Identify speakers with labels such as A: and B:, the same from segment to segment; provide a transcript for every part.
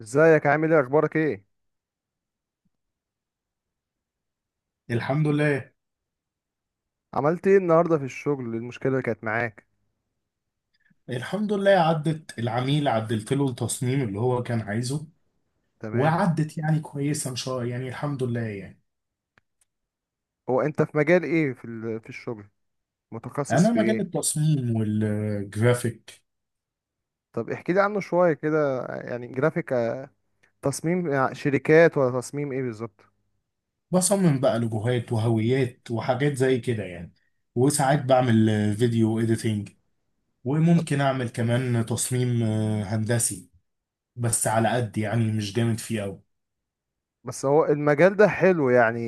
A: ازيك؟ عامل ايه؟ اخبارك ايه؟
B: الحمد لله.
A: عملت ايه النهارده في الشغل؟ إيه المشكله اللي كانت معاك؟
B: الحمد لله عدت العميل، عدلت له التصميم اللي هو كان عايزه،
A: تمام.
B: وعدت يعني كويسه ان شاء الله يعني الحمد لله يعني.
A: هو انت في مجال ايه، في الشغل؟ متخصص
B: انا
A: في
B: مجال
A: ايه؟
B: التصميم والجرافيك،
A: طب احكي لي عنه شويه كده، يعني جرافيك، تصميم شركات ولا تصميم ايه بالظبط؟
B: بصمم بقى لوجوهات وهويات وحاجات زي كده يعني. وساعات بعمل فيديو اديتنج،
A: طب.
B: وممكن اعمل كمان تصميم هندسي، بس على قد يعني مش جامد فيه قوي.
A: بس هو المجال ده حلو؟ يعني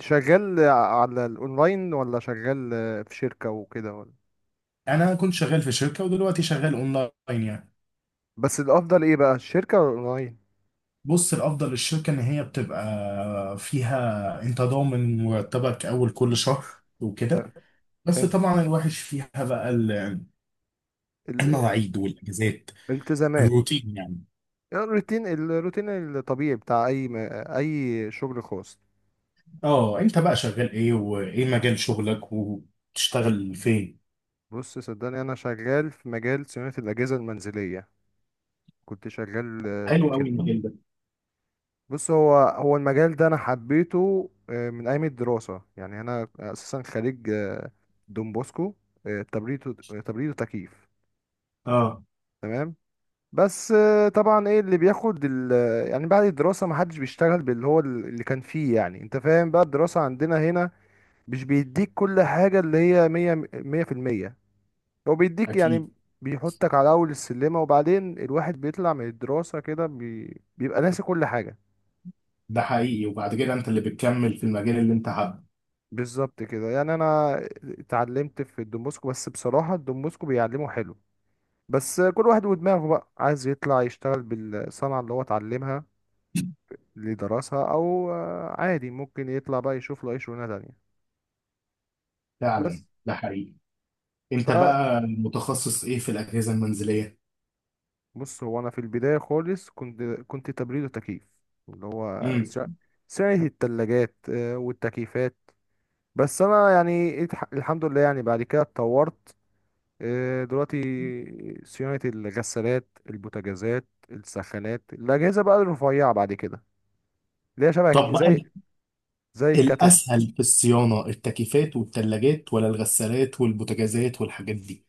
A: شغال على الاونلاين ولا شغال في شركه وكده، ولا؟
B: انا كنت شغال في شركه، ودلوقتي شغال اونلاين يعني.
A: بس الافضل ايه بقى، الشركه ولا الاونلاين؟
B: بص الافضل للشركه ان هي بتبقى فيها انت ضامن مرتبك اول كل شهر وكده.
A: طب.
B: بس
A: حلو.
B: طبعا الوحش فيها بقى
A: ال-
B: المواعيد والاجازات،
A: الالتزامات.
B: الروتين يعني.
A: الروتين الطبيعي بتاع اي شغل خاص.
B: اه، انت بقى شغال ايه، وايه مجال شغلك وتشتغل فين؟
A: بص صدقني، انا شغال في مجال صيانه الاجهزه المنزليه. كنت شغال في
B: حلو قوي
A: كده.
B: المجال ده.
A: بص، هو المجال ده انا حبيته من ايام الدراسه، يعني انا اساسا خريج دون بوسكو، تبريد وتكييف.
B: اه،
A: تمام. بس طبعا ايه اللي بياخد يعني بعد الدراسه ما حدش بيشتغل باللي هو اللي كان فيه. يعني انت فاهم بقى، الدراسه عندنا هنا مش بيديك كل حاجه اللي هي 100، 100%. هو بيديك
B: اكيد.
A: يعني، بيحطك على اول السلمة، وبعدين الواحد بيطلع من الدراسة كده بيبقى ناسي كل حاجة.
B: ده حقيقي، وبعد كده انت اللي بتكمل في المجال اللي انت حابه.
A: بالظبط كده، يعني انا اتعلمت في الدومبوسكو، بس بصراحة الدومبوسكو بيعلمه حلو، بس كل واحد ودماغه بقى عايز يطلع يشتغل بالصنعة اللي هو اتعلمها، اللي درسها، او عادي ممكن يطلع بقى يشوف له اي شغلانة تانية. بس.
B: فعلا، ده حقيقي. انت
A: فبص،
B: بقى متخصص ايه في الاجهزه المنزليه؟
A: هو انا في البداية خالص كنت تبريد وتكييف، اللي هو
B: امم
A: سعر التلاجات والتكييفات. بس انا يعني الحمد لله، يعني بعد كده اتطورت. دلوقتي صيانة الغسالات، البوتاجازات، السخانات، الأجهزة بقى الرفيعة بعد كده، اللي هي شبه
B: طب
A: زي
B: بقى،
A: زي الكاتل.
B: الأسهل في الصيانة التكييفات والتلاجات، ولا الغسالات والبوتاجازات والحاجات دي؟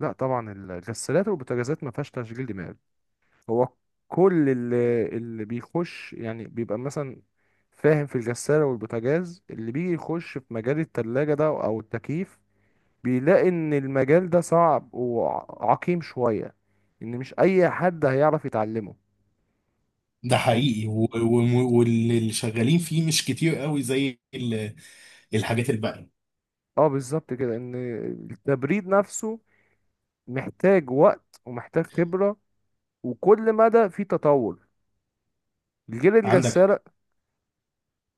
A: لا طبعا، الغسالات والبوتاجازات ما فيهاش تشغيل دماغ. هو كل اللي بيخش يعني بيبقى مثلا فاهم في الغسالة والبوتاجاز، اللي بيجي يخش في مجال التلاجة ده أو التكييف، بيلاقي ان المجال ده صعب وعقيم شوية، ان مش اي حد هيعرف يتعلمه
B: ده
A: يعني.
B: حقيقي، و- و- واللي شغالين فيه مش كتير قوي زي الحاجات الباقية.
A: اه بالظبط كده، ان التبريد نفسه محتاج وقت ومحتاج خبرة، وكل مدى في تطور الجيل
B: عندك حق.
A: الجسار.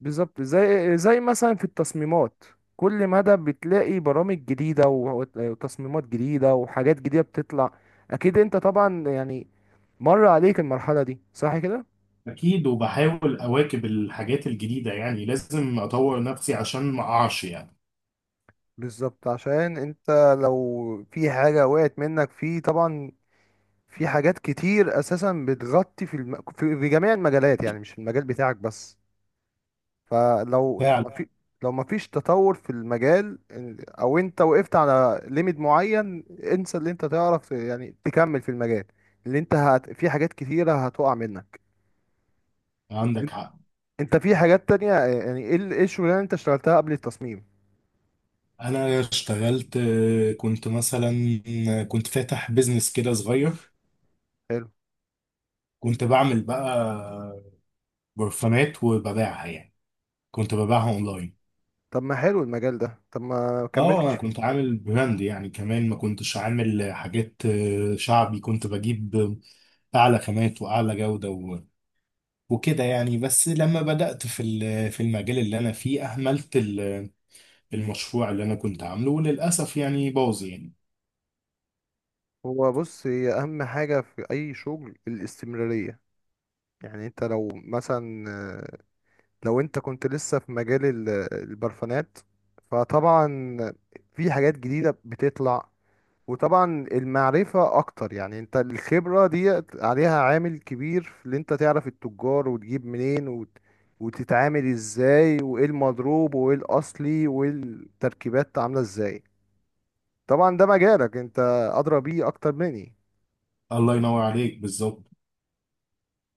A: بالظبط، زي مثلا في التصميمات، كل مدى بتلاقي برامج جديدة و- وتصميمات جديدة وحاجات جديدة بتطلع. اكيد انت طبعا يعني مر عليك المرحلة دي، صح كده؟
B: أكيد، وبحاول أواكب الحاجات الجديدة، يعني لازم أطور نفسي عشان ما أقعش يعني.
A: بالظبط، عشان انت لو في حاجة وقعت منك، في طبعا في حاجات كتير اساسا بتغطي في جميع المجالات، يعني مش المجال بتاعك بس. فلو
B: فعلا.
A: ما في لو ما فيش تطور في المجال، او انت وقفت على ليميت معين، انسى اللي انت تعرف، يعني تكمل في المجال اللي انت في حاجات كتيرة هتقع منك. ان-
B: عندك حق.
A: انت في حاجات تانية، يعني ايه الشغلانة اللي انت اشتغلتها قبل التصميم؟
B: أنا اشتغلت، كنت مثلا، كنت فاتح بيزنس كده صغير.
A: حلو.
B: كنت بعمل بقى برفانات وببيعها يعني، كنت ببيعها أونلاين.
A: طب ما حلو المجال ده، طب ما
B: اه، انا
A: كملتش؟
B: كنت عامل براند يعني، كمان ما كنتش عامل حاجات شعبي، كنت بجيب اعلى خامات واعلى جودة وكده يعني. بس لما بدأت في المجال اللي انا فيه اهملت المشروع اللي انا كنت عامله، وللاسف يعني باظ يعني.
A: هو بص، هي اهم حاجة في اي شغل الاستمرارية. يعني انت لو مثلا لو انت كنت لسه في مجال البرفانات، فطبعا في حاجات جديدة بتطلع، وطبعا المعرفة اكتر. يعني انت الخبرة دي عليها عامل كبير في اللي انت تعرف التجار، وتجيب منين، وتتعامل ازاي، وايه المضروب، وايه الاصلي، والتركيبات عاملة ازاي. طبعا ده مجالك انت، ادرى بيه اكتر مني.
B: الله ينور عليك، بالظبط.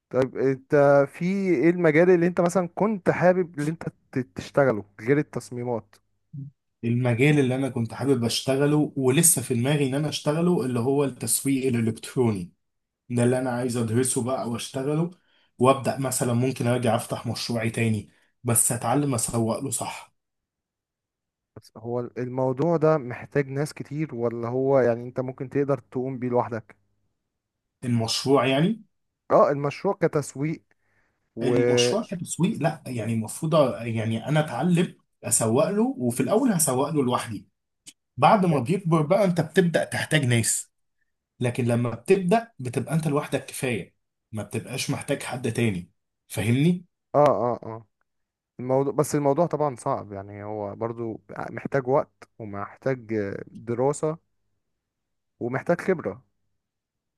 A: طيب انت في ايه المجال اللي انت مثلا كنت حابب اللي انت تشتغله غير التصميمات؟
B: المجال اللي انا كنت حابب اشتغله ولسه في دماغي ان انا اشتغله اللي هو التسويق الالكتروني. ده اللي انا عايز ادرسه بقى واشتغله، وابدا مثلا ممكن ارجع افتح مشروعي تاني، بس اتعلم اسوق له صح.
A: بس هو الموضوع ده محتاج ناس كتير، ولا هو يعني انت ممكن تقدر تقوم بيه لوحدك؟
B: المشروع يعني؟
A: اه المشروع كتسويق، و
B: المشروع كتسويق، لا يعني المفروض، يعني انا اتعلم اسوق له، وفي الاول هسوق له لوحدي. بعد ما بيكبر بقى انت بتبدا تحتاج ناس، لكن لما بتبدا بتبقى انت لوحدك كفايه، ما بتبقاش محتاج حد تاني. فاهمني؟
A: اه، اه، اه. الموضوع، بس الموضوع طبعا صعب يعني، هو برضو محتاج وقت ومحتاج دراسة ومحتاج خبرة.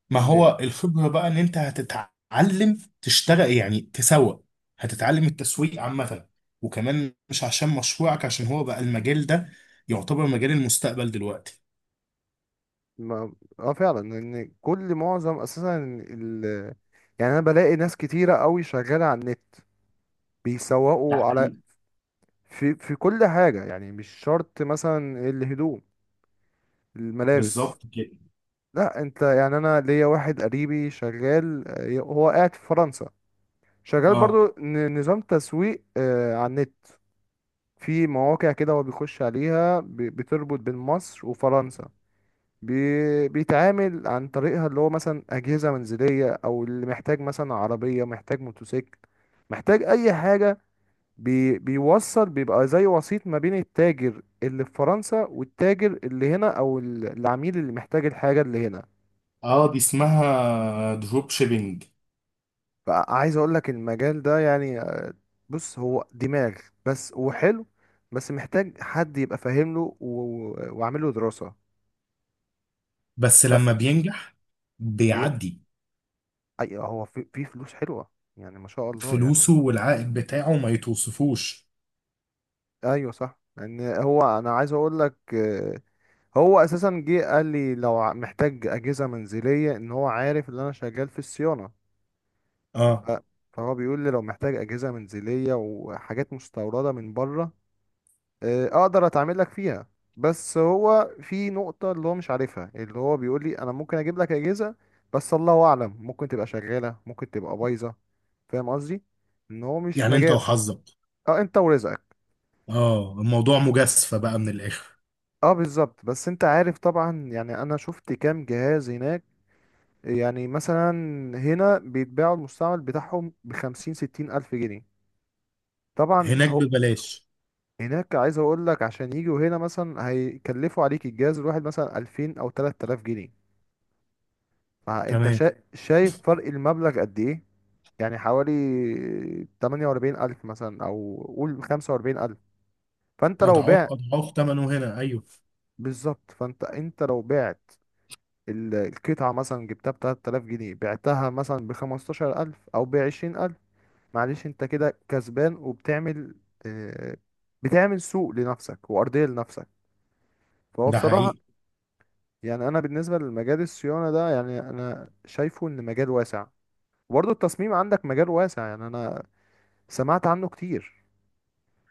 B: ما
A: ان
B: هو الخبرة بقى ان انت هتتعلم تشتغل يعني تسوق، هتتعلم التسويق عامة. وكمان مش عشان مشروعك، عشان هو بقى المجال ده يعتبر مجال المستقبل دلوقتي.
A: ما... اه فعلا، ان كل معظم اساسا ال... يعني انا بلاقي ناس كتيرة قوي شغالة على النت
B: ده
A: بيسوقوا على،
B: حقيقي.
A: في كل حاجة، يعني مش شرط مثلا الهدوم،
B: بالظبط
A: الملابس.
B: كده.
A: لا انت، يعني انا ليا واحد قريبي شغال هو قاعد في فرنسا، شغال
B: اه،
A: برضو نظام تسويق على النت، في مواقع كده هو بيخش عليها بتربط بين مصر وفرنسا، بيتعامل عن طريقها اللي هو مثلا أجهزة منزلية، أو اللي محتاج مثلا عربية، محتاج موتوسيكل، محتاج أي حاجة. بيوصل، بيبقى زي وسيط ما بين التاجر اللي في فرنسا والتاجر اللي هنا، او العميل اللي محتاج الحاجة اللي هنا.
B: اه، دي اسمها دروب شيبينج.
A: فعايز اقول لك المجال ده يعني بص هو دماغ بس، وحلو، بس محتاج حد يبقى فاهم له وعامل له دراسة.
B: بس
A: ف-
B: لما بينجح
A: بي...
B: بيعدي.
A: أيوة. أي هو في فلوس حلوة، يعني ما شاء الله يعني.
B: فلوسه والعائد بتاعه ما يتوصفوش.
A: ايوه صح، ان هو انا عايز اقول لك، هو اساسا جه قال لي لو محتاج اجهزة منزلية، ان هو عارف ان انا شغال في الصيانة.
B: اه،
A: ف- فهو بيقول لي لو محتاج أجهزة منزلية وحاجات مستوردة من بره، أقدر أتعامل لك فيها. بس هو في نقطة اللي هو مش عارفها، اللي هو بيقول لي أنا ممكن أجيب لك أجهزة، بس الله أعلم ممكن تبقى شغالة ممكن تبقى بايظة. فاهم قصدي؟ إن هو مش
B: يعني انت
A: مجال.
B: وحظك.
A: أه، أنت ورزقك.
B: اه، الموضوع مجازفة بقى من الاخر.
A: أه بالظبط، بس أنت عارف طبعا، يعني أنا شفت كام جهاز هناك، يعني مثلا هنا بيتباعوا المستعمل بتاعهم بخمسين ستين ألف جنيه. طبعا
B: هناك
A: هو
B: ببلاش.
A: هناك، عايز اقول لك عشان يجوا هنا مثلا هيكلفوا عليك الجهاز الواحد مثلا 2000 او 3000 جنيه. فانت
B: تمام.
A: شايف فرق المبلغ قد ايه، يعني حوالي 48000 مثلا او قول 45000. فانت لو
B: اضعاف
A: بعت.
B: اضعاف ثمنه هنا، ايوه.
A: بالظبط، فانت لو بعت القطعة مثلا جبتها ب 3000 جنيه، بعتها مثلا ب 15000 او ب 20000. معلش انت كده كسبان وبتعمل آه، بتعمل سوق لنفسك وارضية لنفسك. فهو
B: ده
A: بصراحة،
B: حقيقي.
A: يعني انا بالنسبه لمجال الصيانه ده، يعني انا شايفه ان مجال واسع، وبرضه التصميم عندك مجال واسع، يعني انا سمعت عنه كتير،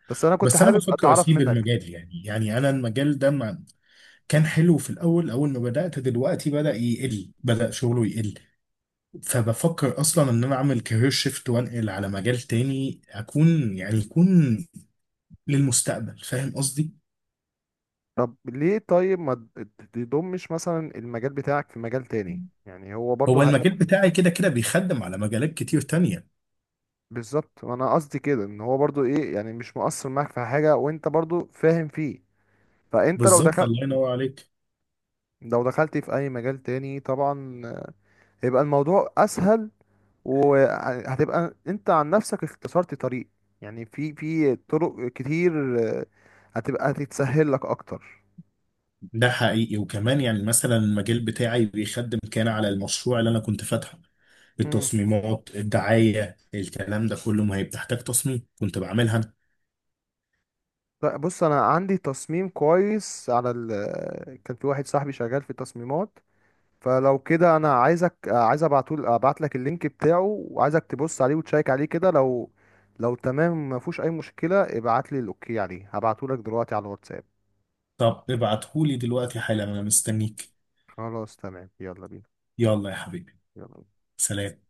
A: بس انا كنت
B: بس انا
A: حابب
B: بفكر
A: اتعرف
B: اسيب
A: منك.
B: المجال، يعني يعني انا المجال ده ما كان حلو، في الاول اول ما بدات دلوقتي بدا يقل، بدا شغله يقل. فبفكر اصلا ان انا اعمل كارير شيفت وانقل على مجال تاني، اكون يعني يكون للمستقبل. فاهم قصدي؟
A: طب ليه؟ طيب ما تضمش مثلا المجال بتاعك في مجال تاني؟ يعني هو برضه.
B: هو المجال بتاعي كده كده بيخدم على مجالات كتير تانية.
A: بالظبط، انا قصدي كده، ان هو برضه ايه، يعني مش مقصر معاك في حاجه، وانت برضه فاهم فيه. فانت لو
B: بالظبط،
A: دخلت
B: الله ينور عليك.
A: لو دخلت في اي مجال تاني، طبعا هيبقى الموضوع اسهل، وهتبقى انت عن نفسك اختصرت طريق. يعني في طرق كتير هتتسهل لك اكتر.
B: ده حقيقي، وكمان يعني مثلا المجال بتاعي بيخدم كان على المشروع اللي انا كنت فاتحه،
A: مم.
B: التصميمات الدعاية الكلام ده كله، ما هي بتحتاج تصميم كنت بعملها أنا.
A: لا، بص انا عندي تصميم كويس على كان في واحد صاحبي شغال في التصميمات، فلو كده انا عايز ابعت لك اللينك بتاعه، وعايزك تبص عليه وتشيك عليه كده، لو تمام ما فيهوش اي مشكلة، ابعت لي الاوكي عليه هبعته لك دلوقتي على الواتساب.
B: طب ابعتهولي دلوقتي حالا، أنا مستنيك.
A: خلاص تمام، يلا بينا.
B: يلا يا حبيبي.
A: يلا بينا.
B: سلام.